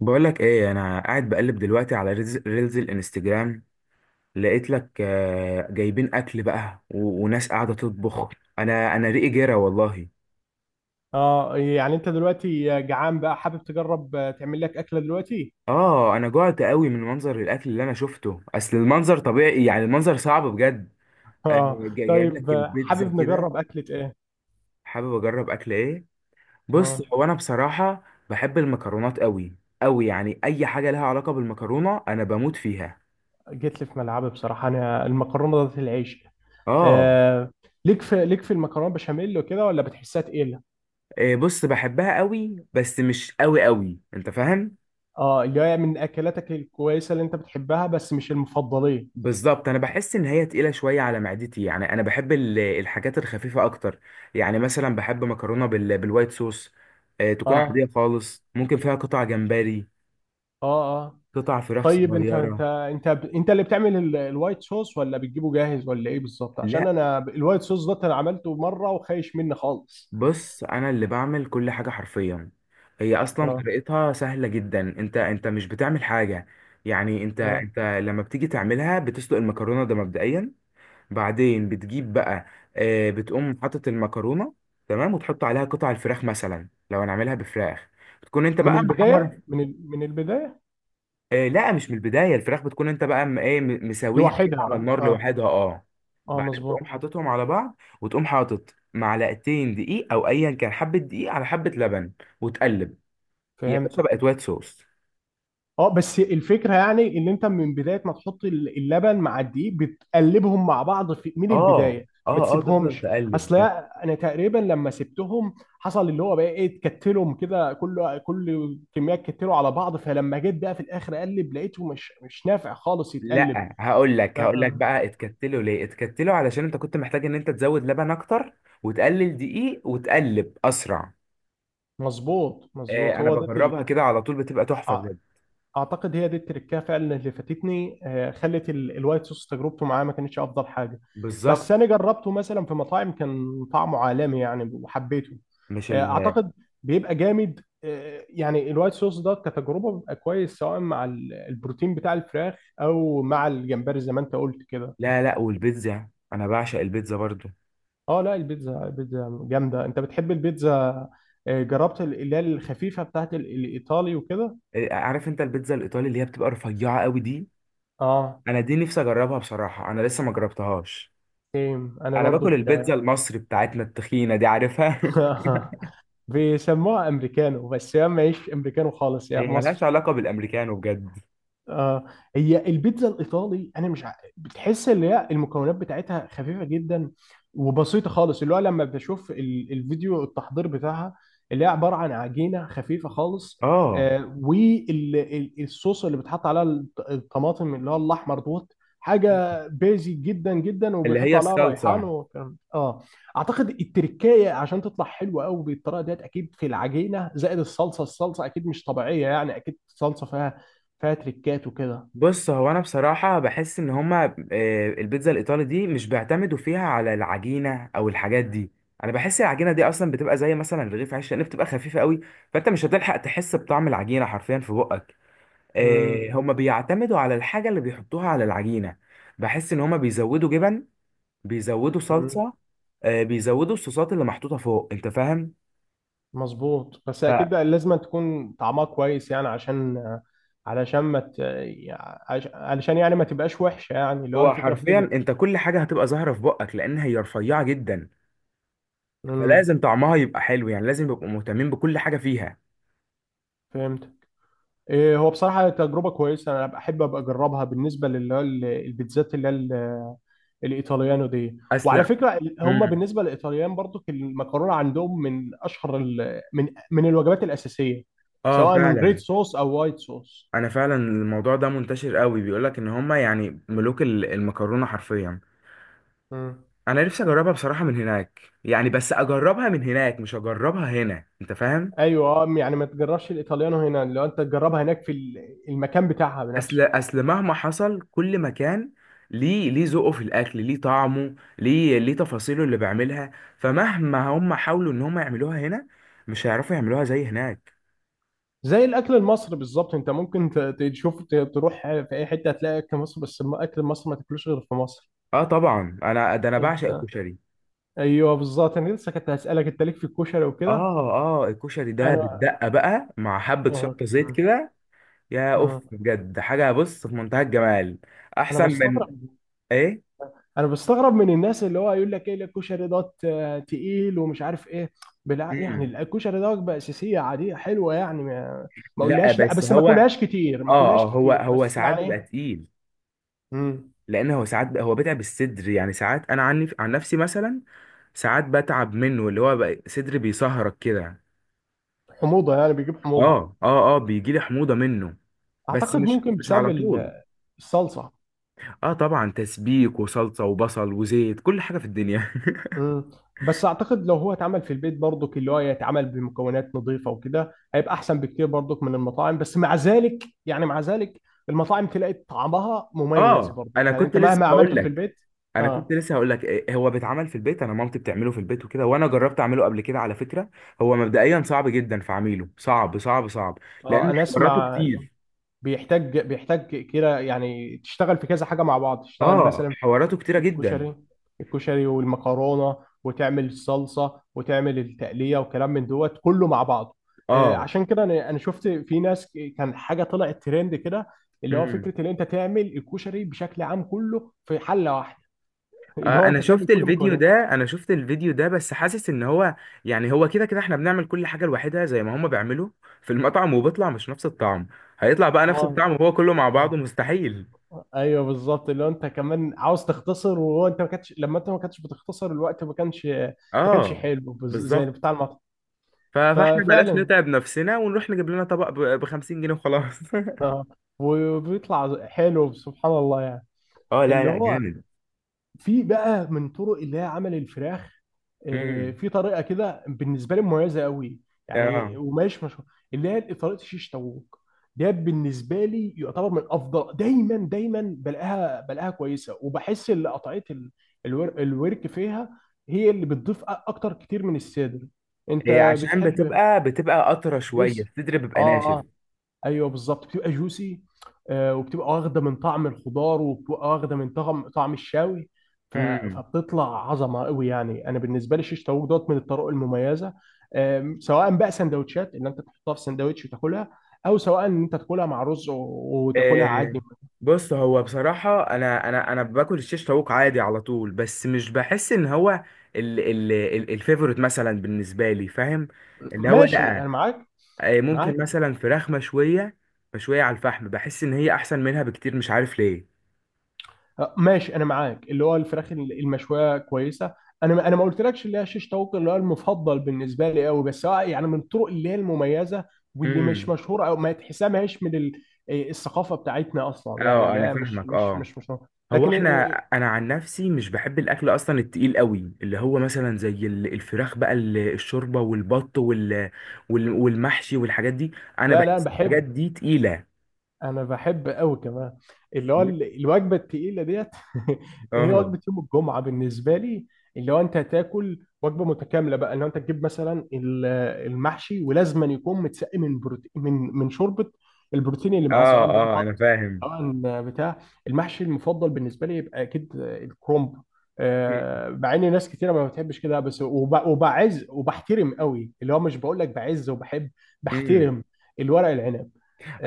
بقولك ايه؟ انا قاعد بقلب دلوقتي على ريلز الانستجرام. لقيت لك، جايبين اكل بقى وناس قاعده تطبخ. انا ريقي جرى والله. اه يعني انت دلوقتي جعان بقى حابب تجرب تعمل لك اكله دلوقتي. اه، انا جوعت قوي من منظر الاكل اللي انا شفته. اصل المنظر طبيعي، يعني المنظر صعب بجد. اه جايب طيب، لك البيتزا حابب كده. نجرب اكله ايه؟ حابب اجرب اكل ايه؟ بص، اه هو انا بصراحه بحب المكرونات قوي. قوي يعني، اي حاجه لها علاقه بالمكرونه انا بموت فيها. جيت لي في ملعبي، بصراحه انا المكرونه ذات العيش. اه. آه. ليك في المكرونه بشاميل وكده، ولا بتحسها تقيله؟ إيه، بص بحبها قوي بس مش قوي قوي، انت فاهم. اه، اللي هي من اكلاتك الكويسه اللي انت بتحبها، بس مش المفضليه. بالظبط. انا بحس ان هي تقيله شويه على معدتي، يعني انا بحب ال- الحاجات الخفيفه اكتر. يعني مثلا بحب مكرونه بالوايت صوص. إيه، تكون اه، عاديه خالص، ممكن فيها قطع جمبري، اه، اه. قطع فراخ طيب، صغيره. انت اللي بتعمل الوايت صوص، ولا بتجيبه جاهز، ولا ايه بالظبط؟ عشان لا، انا الوايت صوص ده انا عملته مره وخايش مني خالص. بص انا اللي بعمل كل حاجه حرفيا. هي اصلا اه. طريقتها سهله جدا، انت مش بتعمل حاجه. يعني انت اه. انت لما بتيجي تعملها بتسلق المكرونه ده مبدئيا. بعدين بتجيب بقى، بتقوم حاطط المكرونه، تمام، وتحط عليها قطع الفراخ مثلا لو هنعملها بفراخ. بتكون انت من بقى البداية، محمر. من من البداية. لا، مش من البدايه. الفراخ بتكون انت بقى مسويها كده على لوحدها، اه. النار اه، لوحدها، اه. اه، بعدين تقوم مظبوط. حاططهم على بعض، وتقوم حاطط معلقتين دقيق، او ايا كان، حبه دقيق على حبه لبن، وتقلب. يا فهمت. باشا، بقت وايت صوص. اه، بس الفكرة يعني ان انت من بداية ما تحط اللبن مع الدقيق بتقلبهم مع بعض من اه البداية. ما اه اه، تفضل تسيبهمش. تقلب. اصل انا تقريبا لما سبتهم حصل اللي هو بقى ايه، اتكتلهم كده، كل كمية اتكتلوا على بعض، فلما جيت بقى في الاخر اقلب لقيته مش نافع خالص يتقلب. لا، هقول لك آه، هقول لك آه. بقى، اتكتلوا ليه؟ اتكتلوا علشان انت كنت محتاج ان انت تزود لبن اكتر وتقلل دقيق وتقلب اسرع. مظبوط، اه، مظبوط، انا هو ده بجربها كده على طول، بتبقى تحفة آه. بجد. اعتقد هي دي التركية فعلا اللي فاتتني، خلت الوايت صوص تجربته معاه ما كانتش افضل حاجة. بس بالظبط. انا جربته مثلا في مطاعم كان طعمه عالمي يعني، وحبيته. مش ال. اعتقد بيبقى جامد، يعني الوايت صوص ده كتجربة بيبقى كويس، سواء مع البروتين بتاع الفراخ او مع الجمبري زي ما انت قلت كده. لا لا، والبيتزا انا بعشق البيتزا برضو. اه، لا، البيتزا، البيتزا جامدة. انت بتحب البيتزا؟ جربت اللي هي الخفيفة بتاعت الايطالي وكده؟ عارف انت البيتزا الايطالي اللي هي بتبقى رفيعة قوي دي؟ اه. انا دي نفسي اجربها بصراحة، انا لسه ما جربتهاش. سيم انا انا باكل برضو. البيتزا المصري بتاعتنا التخينة دي، عارفها. ك- بيسموها امريكانو، بس هي ماهيش امريكانو خالص، هي هي ملهاش مصري. علاقة بالامريكانو بجد. آه. هي البيتزا الايطالي انا مش ع... بتحس اللي هي المكونات بتاعتها خفيفه جدا وبسيطه خالص، اللي هو لما بشوف الفيديو التحضير بتاعها، اللي هي عباره عن عجينه خفيفه خالص. اه، آه، والصوص اللي بتحط عليها الطماطم اللي هو الاحمر دوت، حاجه بيزي جدا جدا، اللي هي وبيحطوا عليها ريحان. الصلصة. وكان اعتقد التركايه عشان تطلع حلوه قوي بالطريقه ديت، اكيد في العجينه زائد الصلصه، الصلصه اكيد مش طبيعيه، يعني اكيد صلصه فيها تريكات وكده. بص، هو انا بصراحه بحس ان هما، البيتزا الايطالي دي مش بيعتمدوا فيها على العجينه او الحاجات دي. انا بحس العجينه دي اصلا بتبقى زي مثلا رغيف عيش، لان بتبقى خفيفه قوي، فانت مش هتلحق تحس بطعم العجينه حرفيا في بقك. امم. هما بيعتمدوا على الحاجه اللي بيحطوها على العجينه. بحس ان هما بيزودوا جبن، بيزودوا امم. صلصه، بيزودوا الصوصات اللي محطوطه فوق، انت فاهم. مظبوط، بس اكيد لازم تكون طعمها كويس، يعني عشان علشان ما ت... علشان يعني ما تبقاش وحشه، يعني اللي هو فهو الفكره في كده. حرفيا انت كل حاجه هتبقى ظاهره في بقك، لان هي رفيعه جدا، امم. فلازم طعمها يبقى حلو، يعني لازم يبقوا مهتمين بكل حاجة فيها. فهمت. إيه، هو بصراحه تجربه كويسه، انا بحب ابقى اجربها بالنسبه للي هو البيتزات اللي هي الايطاليانو دي. وعلى أسلم. فكره هم امم. بالنسبه للايطاليان برضو المكرونه عندهم من اشهر من الوجبات الاساسيه، اه، سواء ريد فعلا. صوص او وايت صوص. انا فعلا الموضوع ده منتشر قوي، بيقولك ان هما يعني ملوك ال- المكرونة حرفيا. انا نفسي اجربها بصراحة من هناك، يعني بس اجربها من هناك مش اجربها هنا، انت فاهم. ايوه، اه، يعني ما تجربش الايطاليانو هنا، لو انت تجربها هناك في المكان بتاعها اصل بنفسه. اصل مهما حصل، كل مكان ليه ذوقه في الاكل، ليه طعمه، ليه تفاصيله اللي بيعملها. فمهما هم حاولوا ان هم يعملوها هنا، مش هيعرفوا يعملوها زي هناك. زي الاكل المصري بالظبط، انت ممكن تشوف تروح في اي حته هتلاقي اكل مصر، بس اكل مصر ما تاكلوش غير في مصر. اه طبعا، انا بعشق انت، الكشري. ايوه بالظبط، انا لسه كنت هسالك انت ليك في الكشري وكده. اه اه، الكشري ده انا، بالدقه بقى، مع حبه اه، شطه، زيت كده، يا اوف آه. بجد، حاجه، بص، في منتهى الجمال. انا احسن من. بستغرب، ايه؟ انا بستغرب من الناس اللي هو يقول لك ايه الكشري دوت تقيل ومش عارف ايه. بلا يعني، امم. الكشري ده وجبه اساسيه عاديه حلوه، يعني ما ما لا، اقولهاش لا، بس بس ما هو اه اكلهاش كتير، ما اه، اكلهاش هو كتير، هو بس ساعات يعني بيبقى ايه. تقيل. مم. لان هو ساعات هو بيتعب الصدر. يعني ساعات، انا عن نفسي مثلا، ساعات بتعب منه، اللي هو بقى صدري بيسهرك كده. حموضه يعني، بيجيب حموضه. اه اه اه، بيجي لي حموضه منه. بس اعتقد مش ممكن مش بسبب على طول. الصلصه. اه طبعا، تسبيك وصلصه وبصل وزيت، كل حاجه في الدنيا. مم. بس اعتقد لو هو اتعمل في البيت برضك، اللي هو يتعمل بمكونات نظيفه وكده، هيبقى احسن بكتير برضك من المطاعم، بس مع ذلك يعني، مع ذلك المطاعم تلاقي طعمها مميز اه، برضك، انا يعني كنت انت لسه مهما هقول عملته في لك. البيت. انا كنت اه. لسه هقول لك، إيه، هو بيتعمل في البيت. انا مامتي بتعمله في البيت وكده، وانا جربت اعمله قبل كده على فكره. هو مبدئيا صعب جدا في عميله، صعب صعب صعب، اه، لان انا حواراته اسمع. كتير. بيحتاج كده يعني تشتغل في كذا حاجه مع بعض، تشتغل اه، مثلا في حواراته كتيره جدا. الكشري، الكشري والمكرونه، وتعمل الصلصه وتعمل التقليه وكلام من دوت كله مع بعضه. اه. عشان كده انا شفت في ناس كان حاجه طلعت ترند كده، اللي هو امم. فكره ان انت تعمل الكشري بشكل عام كله في حله واحده، اللي آه، هو انا انت تعمل شفت كل الفيديو مكونات. ده انا شفت الفيديو ده بس حاسس ان هو، يعني هو كده كده احنا بنعمل كل حاجه لوحدها زي ما هما بيعملوا في المطعم، وبيطلع مش نفس الطعم. هيطلع بقى نفس اه. الطعم وهو كله مع بعضه؟ اه. مستحيل. ايوه بالظبط، اللي هو انت كمان عاوز تختصر، وهو انت ما كانتش لما انت ما كانتش بتختصر الوقت، ما كانش، ما كانش اه، حلو زي بالظبط. بتاع المطعم. ف- فاحنا بلاش ففعلا، نتعب نفسنا ونروح نجيب لنا طبق ب 50 جنيه وخلاص. اه. وبيطلع حلو سبحان الله يعني. اه لا اللي لا، هو جامد. في بقى من طرق اللي هي عمل الفراخ، امم. في طريقه كده بالنسبه لي مميزه قوي، اه. يعني ومش مشهور، اللي هي طريقه الشيش طاووق. ده بالنسبه لي يعتبر من افضل، دايما دايما بلاقيها، بلاقيها كويسه، وبحس ان قطعيه الورك فيها هي اللي بتضيف اكتر كتير من الصدر. إيه، انت عشان بتحب. بتبقى قطرة شوية، جوسي. الصدر اه، بيبقى آه. ناشف. ايوه بالظبط، بتبقى جوسي. وبتبقى واخده من طعم الخضار، وبتبقى واخده من طعم الشاوي. امم. فبتطلع عظمه قوي، يعني انا بالنسبه لي شيش طاووق دوت من الطرق المميزه. سواء بقى سندوتشات ان انت تحطها في سندوتش وتاكلها، او سواء ان انت تاكلها مع رز وتاكلها إيه، عادي. بص، هو بصراحة أنا باكل الشيش طاووق عادي على طول، بس مش بحس إن هو ال ال ال الفيفوريت مثلا بالنسبة لي، فاهم؟ اللي هو ماشي لأ. انا معاك. ممكن معاك. مثلا فراخ مشوية، مشوية على الفحم، بحس إن هي أحسن منها بكتير، مش عارف ليه. ماشي انا معاك، اللي هو الفراخ المشويه كويسه. انا ما قلتلكش اللي هي شيش طاووق اللي هو المفضل بالنسبه لي قوي، بس هو يعني من الطرق اللي هي المميزه، واللي مش امم. مشهوره، او ما تحسها ما هيش من الثقافه بتاعتنا اصلا، يعني اه اللي انا هي مش فاهمك، مش مش اه. مش مشهورة. هو لكن، احنا. آه، انا عن نفسي مش بحب الاكل اصلا التقيل قوي، اللي هو مثلا زي ال- الفراخ بقى، ال- الشوربه والبط والمحشي والحاجات دي. انا لا لا، بحس الحاجات بحب، دي تقيله. انا بحب قوي كمان اللي هو الوجبه التقيله ديت. هي اه وجبه يوم الجمعه بالنسبه لي، اللي هو انت هتاكل وجبه متكامله بقى، اللي هو انت تجيب مثلا المحشي، ولازما يكون متسقي من بروتين، من شوربه. البروتين اللي معاه اه سواء بقى اه، انا بط، فاهم. سواء بتاع، المحشي المفضل بالنسبه لي يبقى اكيد الكرنب. مع ان ناس كتيره ما بتحبش كده، بس وبعز وبحترم قوي، اللي هو مش بقول لك بعز وبحب، مم. بحترم الورق العنب.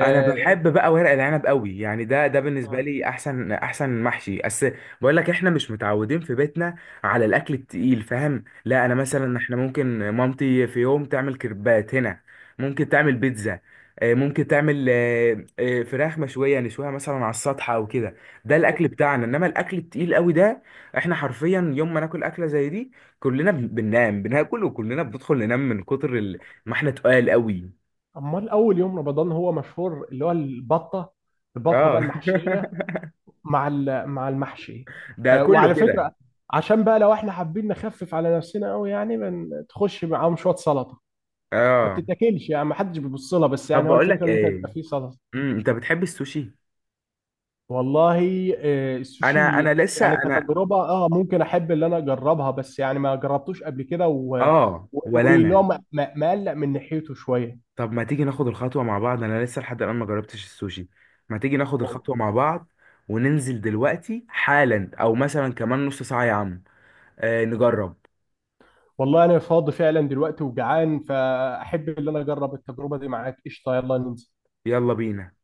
انا بحب بقى ورق العنب قوي، يعني ده ده بالنسبه آه. لي احسن احسن محشي، بس بقول لك احنا مش متعودين في بيتنا على الاكل التقيل، فاهم. لا، انا مثلا، احنا ممكن مامتي في يوم تعمل كريبات هنا، ممكن تعمل بيتزا، ممكن تعمل، فراخ مشويه، نشويها مثلا على السطح او كده. ده الاكل أخ- بتاعنا، انما الاكل التقيل قوي ده، احنا حرفيا يوم ما ناكل اكله زي دي، كلنا بننام بناكل، وكلنا بندخل ننام من كتر ال-، ما احنا تقال قوي. امال اول يوم رمضان هو مشهور اللي هو البطه، البطه اه. بقى المحشيه مع مع المحشي. ده كله وعلى كده. فكره، عشان بقى لو احنا حابين نخفف على نفسنا قوي يعني، تخش معاهم شويه سلطه ما اه. بتتاكلش، يعني ما حدش بيبص لها، بس طب يعني هو بقول الفكره لك اللي انت بيبقى ايه، فيه سلطه. انت بتحب السوشي؟ والله، انا السوشي انا لسه يعني انا. كتجربه اه ممكن احب اللي انا اجربها، بس يعني ما جربتوش قبل كده اه، ولا واللي هو انا. مقلق من ناحيته شويه. طب ما تيجي ناخد الخطوه مع بعض؟ انا لسه لحد الان ما جربتش السوشي. ما تيجي ناخد الخطوه مع بعض وننزل دلوقتي حالا، او مثلا كمان نص ساعه، يا عم؟ آه، نجرب. والله انا فاضي فعلا دلوقتي وجعان، فاحب ان انا اجرب التجربه دي معاك. قشطه، يلا ننزل. يلا بينا.